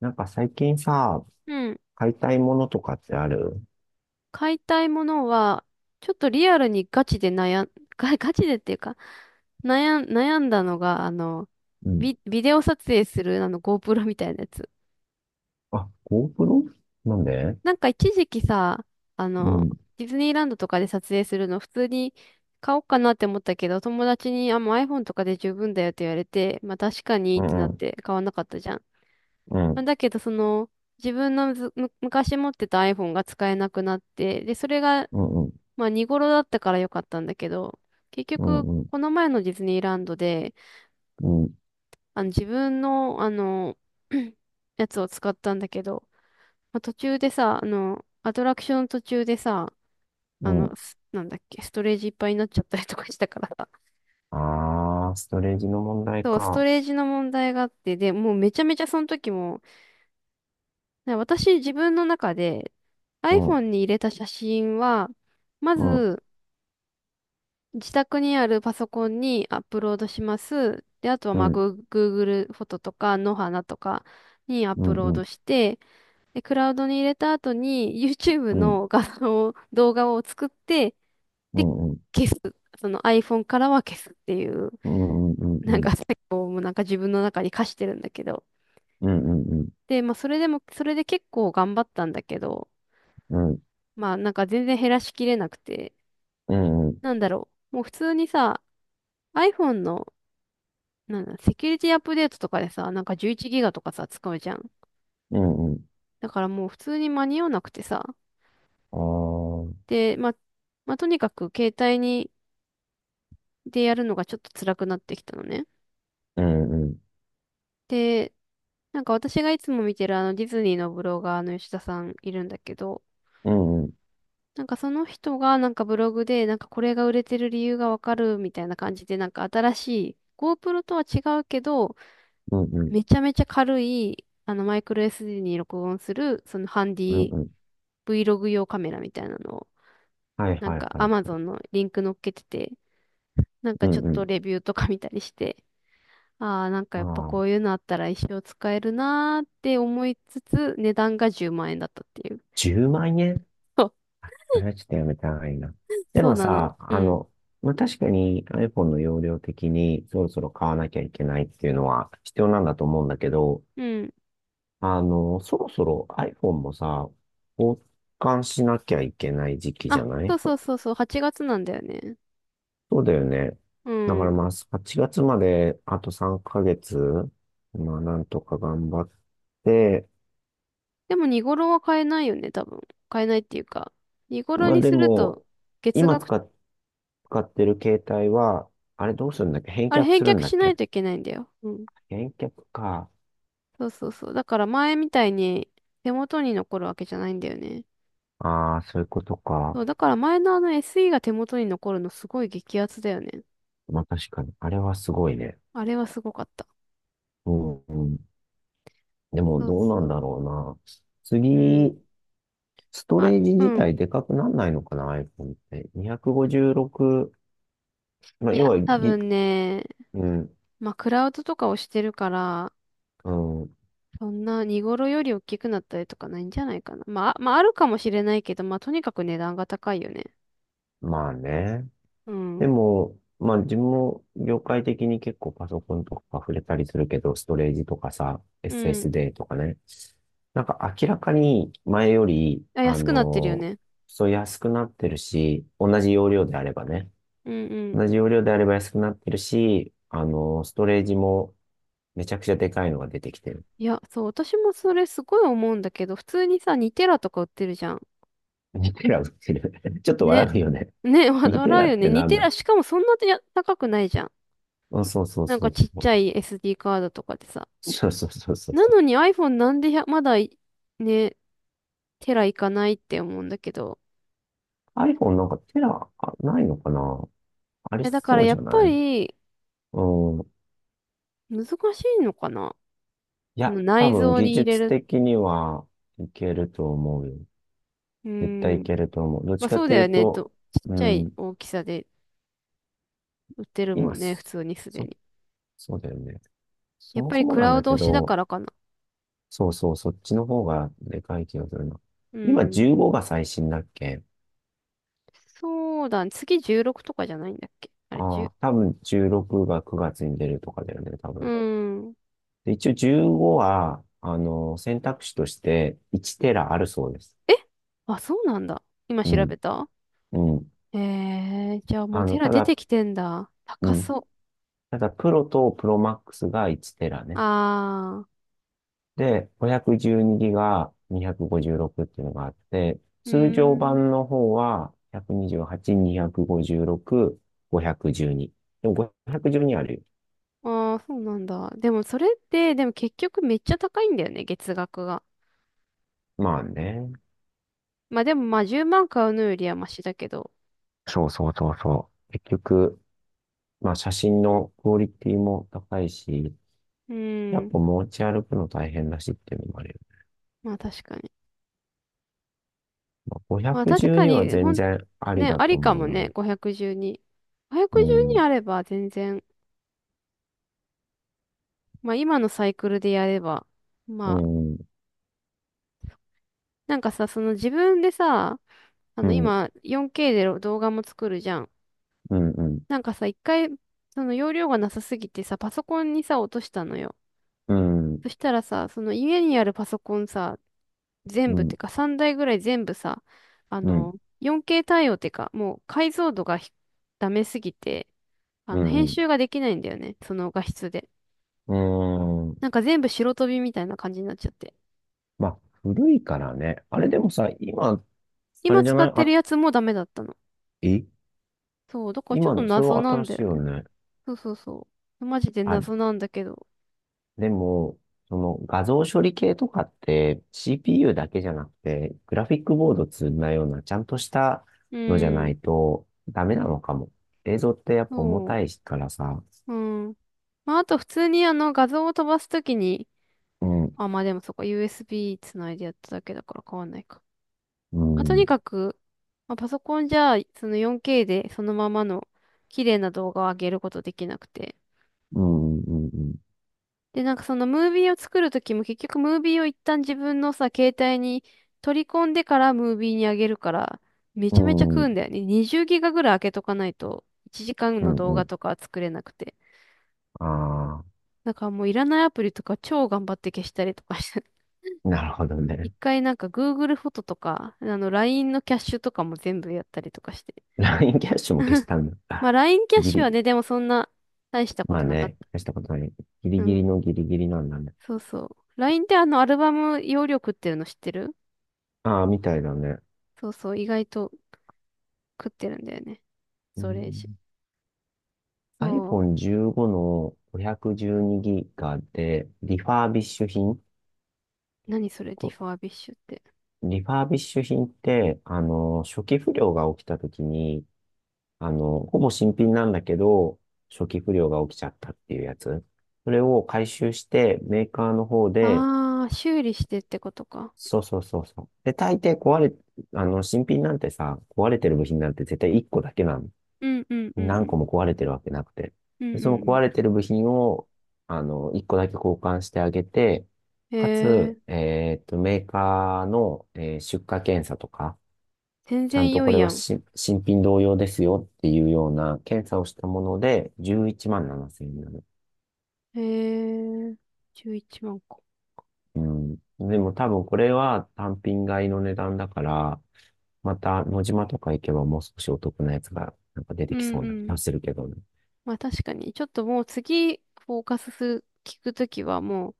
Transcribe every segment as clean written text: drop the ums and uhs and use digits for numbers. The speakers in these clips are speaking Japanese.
なんか最近さ、うん。買いたいものとかってある？買いたいものは、ちょっとリアルにガチで悩ん、ガチでっていうか、悩んだのが、うん。ビデオ撮影する、GoPro みたいなやつ。あ、GoPro? なんで？なんか一時期さ、あうの、ん、ディズニーランドとかで撮影するの普通に買おうかなって思ったけど、友達に、あ、もう iPhone とかで十分だよって言われて、まあ確かにうってなん、うっん、て買わなかったじゃん。うまあん、だけど、自分のずむ昔持ってた iPhone が使えなくなって、で、それがうん、まあ見頃だったから良かったんだけど、結う局、ん、うん、この前のディズニーランドで、うん。自分の、やつを使ったんだけど、まあ、途中でさ、アトラクション途中でさ、うん。なんだっけ、ストレージいっぱいになっちゃったりとかしたからさ。あー、ストレージの問 題そう、ストか。レージの問題があって、で、もうめちゃめちゃその時も、私自分の中で うん、iPhone に入れた写真は、まうん、ず、自宅にあるパソコンにアップロードします。で、あとはうまあ、ん、Google フォトとか、野花とかにアッうプん、ローうん、ドして、で、クラウドに入れた後に YouTube うん、の画像を、動画を作って、うで、ん、うん、うん、消す。その iPhone からは消すっていう、うん、うん、うなんん、か結構もうなんか自分の中に課してるんだけど。うん、うん、で、まあ、それでも、それで結構頑張ったんだけど、うん、うん、まあ、なんか全然減らしきれなくて、なんだろう。もう普通にさ、iPhone のなんだ、セキュリティアップデートとかでさ、なんか11ギガとかさ、使うじゃん。うん、うん、だからもう普通に間に合わなくてさ。あー、で、まあ、まあ、とにかく携帯に、でやるのがちょっと辛くなってきたのね。うん、うん、で、なんか私がいつも見てるあのディズニーのブロガーの吉田さんいるんだけど、うん、うん、なんかその人がなんかブログでなんかこれが売れてる理由がわかるみたいな感じでなんか新しい GoPro とは違うけど、うん、めちゃめちゃ軽いあのマイクロ SD に録音するそのハンデうん、ィ うん、Vlog 用カメラみたいなのを、はい、なんはい、か はい。Amazon のリンク載っけてて、なんうかちょん、っうとん。レビューとか見たりして、ああ、なんかあやっぱー、こういうのあったら一生使えるなーって思いつつ、値段が10万円だったっていう。10万円？そう、それはちょっとやめた方がいいな。でそうもなの。さ、うあん。の、まあ、確かに iPhone の容量的にそろそろ買わなきゃいけないっていうのは必要なんだと思うんだけど、うん。あの、そろそろ iPhone もさ、交換しなきゃいけない時期じゃあ、なそい？うそうそうそう、8月なんだよね。そうだよね。うだからん。まあ、8月まであと3ヶ月、まあ、なんとか頑張って、でも見頃は買えないよね、多分。買えないっていうか。見頃まあにでするも、と、月今額、使っ、使ってる携帯は、あれどうするんだっけ？返あれ却返するん却だしっないけ？といけないんだよ。うん、返却か。そうそうそう。だから前みたいに手元に残るわけじゃないんだよね。ああ、そういうことそか。う、だから前のあの SE が手元に残るのすごい激アツだよね。まあ確かに。あれはすごいね。あれはすごかった。うん、うん。でもそうどうなそんう。だろうな。うん。次、ストま、レージう自ん。体でかくなんないのかな、iPhone って。256、まあい要や、は多ぎ、分ね、うん、まあ、クラウドとかをしてるから、うん、そんな荷頃より大きくなったりとかないんじゃないかな。まあ、まあ、あるかもしれないけど、まあ、とにかく値段が高いよね。まあね。うでん。も、まあ自分も業界的に結構パソコンとか触れたりするけど、ストレージとかさ、うん。SSD とかね。なんか明らかに前より、あ、あ安くなってるよの、ね。そう安くなってるし、同じ容量であればね。うんうん。同じ容量であれば安くなってるし、あのストレージもめちゃくちゃでかいのが出てきてる。いや、そう、私もそれすごい思うんだけど、普通にさ、2テラとか売ってるじゃん。2テラ売ってる。ちょっと笑ね、うよね。ね、2テ笑ラうっよね。て似なんてだ？ら、しかもそんなに高くないじゃん。なんかあ、ちっちゃい SD カードとかでさ。そうそうそうそうそうなそうそうそのうに iPhone なんで、1まだい、ね、テラいかないって思うんだけど。そう。iPhone なんかテラあないのかな？あいりや、だかそらうやじっゃぱない？りうん。難しいのかな。いそや、の多内分蔵技に入れ術る。的にはいけると思うよ。う絶対ーいん。けると思う。どっちまあかそうとだいうよね。と、ちっうちゃいん、大きさで売ってるも今んね。普す、通にすでそ、に。そうだよね。そやっもぱそりもクなんラウだドけ推しだかど、らかな。そうそう、そっちの方がでかい気がするな。う今ん。15が最新だっけ？そうだね。次、16とかじゃないんだっけ、あれ、ああ10？ー、多分16が9月に出るとかだよね、多う分。ん。で、一応15は、あの、選択肢として1テラあるそうです。えあ、そうなんだ。今う調ん、べた？うん。じゃあもうあテの、ラた出だ、てきてんだ。う高ん。そう。だからプロとプロマックスが1テラね。あで、512ギガ256っていうのがあって、ー、う通常ーん。版の方は128、256、512。でも512あるよ。あー、そうなんだ。でもそれって、でも結局めっちゃ高いんだよね、月額が。まあね。まあでもまあ10万買うのよりはマシだけど。そうそうそうそう。結局、まあ写真のクオリティも高いし、うやーっん。ぱ持ち歩くの大変だしっていうのもあるよ。まあ確かに。まあ、まあ確か512はに、全然ありね、だあとりか思うもな。ね、512。う512ん、あれば全然、まあ今のサイクルでやれば、うまあ、ん、なんかさ、その自分でさ、あうのん、今 4K で動画も作るじゃん。うん、うん。なんかさ、一回、その容量がなさすぎてさ、パソコンにさ、落としたのよ。うん、そしたらさ、その家にあるパソコンさ、全う部っん、てか3台ぐらい全部さ、あうん、の、4K 対応ってか、もう解像度がダメすぎて、うん、編う集ができないんだよね。その画質で。ん。うーん。なんか全部白飛びみたいな感じになっちゃって。まあ、古いからね。あれでもさ、今、あ今れじゃ使なっい？てるあ、やつもダメだったの。えそう、だからちょっと今、それ謎はなん新だしよいよね。ね。そうそうそう。マジであ、謎なんだけど。でも、その画像処理系とかって CPU だけじゃなくて、グラフィックボード積んだような、ちゃんとしたうのじゃなん。いとダメなのかも。映像ってやっぱ重そたいからさ。う。うん。まあ、あと普通にあの画像を飛ばすときに、うん、あ、まあでもそこ USB つないでやっただけだから変わんないか。うまあ、とん、にかく、まあ、パソコンじゃその 4K でそのままの綺麗な動画を上げることできなくて。うん、うん、うん、で、なんかそのムービーを作るときも結局ムービーを一旦自分のさ、携帯に取り込んでからムービーにあげるから、めうちゃめちゃ食うんん、だよね。20ギガぐらい開けとかないと、1時間うのん、動う画ん。とかは作れなくて。ああだからもういらないアプリとか超頑張って消したりとかして。ー、なるほど一ね。回なんか Google フォトとか、あの LINE のキャッシュとかも全部やったりとかして。LINE キャッシュも消し たんまあ だ？LINE キャッギシュリ、はね、でもそんな大したこまあとなかっね、た。消したことない。ギうリギリん。のギリギリなんだね。そうそう。LINE ってあのアルバム容量食ってるの知ってる？ああ、みたいだね。そうそう、意外と食ってるんだよね。うそう、レジ。ん。そ iPhone 15の 512GB で、リファービッシュ品？う。何それ、ディこファービッシュって。リファービッシュ品って、あの、初期不良が起きた時に、あの、ほぼ新品なんだけど、初期不良が起きちゃったっていうやつ。それを回収して、メーカーの方で、あー、修理してってことか。そうそうそうそう。で、大抵壊れ、あの、新品なんてさ、壊れてる部品なんて絶対1個だけなの。うんうんうんう何ん。個も壊れてるわけなくて。うんで、うそのん壊うれてる部品を、あの、1個だけ交換してあげて、ん。へかつ、え、メーカーの、出荷検査とか、全ちゃん然と良こいれやはん。新品同様ですよっていうような検査をしたもので、11万7000円。へえ、11万個。うん。でも多分これは単品買いの値段だから、また野島とか行けばもう少しお得なやつがなんか出うてきんそううな気ん。がするけどね。まあ確かに、ちょっともう次、フォーカスする、聞くときはもう、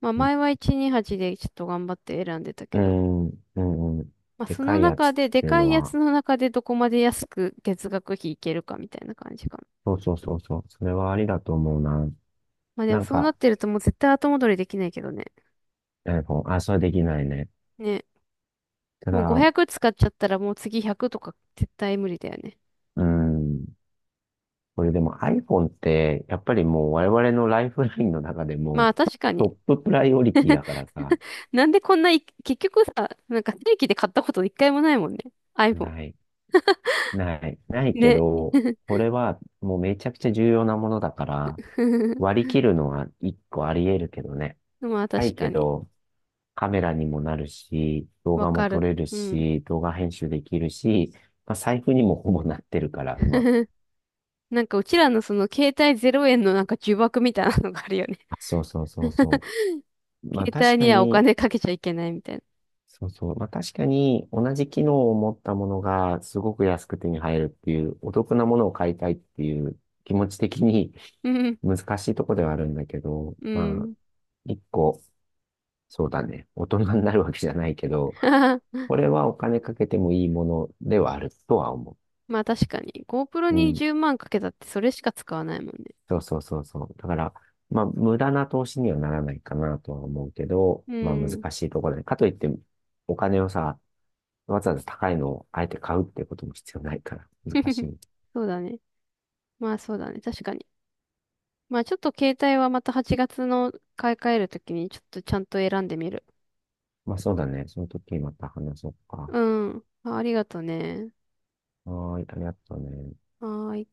まあう前は128でちょっと頑張って選んでたけど、ん、うん、うん。まあでそかのいや中つっで、でていうかのいやは、つの中でどこまで安く月額費いけるかみたいな感じか。そうそうそうそう。それはありだと思うな。まあでもなんそうなか、ってるともう絶対後戻りできないけどね。iPhone、あ、それはできないね。ね。たもうだ、500使っちゃったらもう次100とか絶対無理だよね。うん。これでも iPhone って、やっぱりもう我々のライフラインの中でまもあ確かトッに。ププライオリティだからさ、なんでこんない結局さ、なんか正規で買ったこと一回もないもんね。iPhone。ない。ないけね。ど、これはもうめちゃくちゃ重要なものだから、割 り切るのは一個あり得るけどね。まあな確いかけに。ど、カメラにもなるし、動わ画もか撮る。れるうん。し、動画編集できるし、まあ、財布にもほぼなってるから、今。なんかうちらのその携帯0円のなんか呪縛みたいなのがあるよね。あ、そうそうそう そう。まあ携確帯かにはおに、金かけちゃいけないみたいな。そうそう。まあ確かに同じ機能を持ったものがすごく安く手に入るっていう、お得なものを買いたいっていう気持ち的に うん。難しいとこではあるんだけど、うまあん。一個、そうだね。大人になるわけじゃないけど、これはお金かけてもいいものではあるとは思まあ確かに。GoPro う。うにん、10万かけたってそれしか使わないもんね。そうそうそうそう。だから、まあ、無駄な投資にはならないかなとは思うけど、うまあ、難ん。しいところで。かといって、お金をさ、わざわざ高いのをあえて買うってことも必要ないから、難し い。そうだね。まあそうだね。確かに。まあちょっと携帯はまた8月の買い替えるときにちょっとちゃんと選んでみる。まあ、そうだね。その時また話そうか。うん。あ、ありがとね。はーい、ありがとうね。はーい。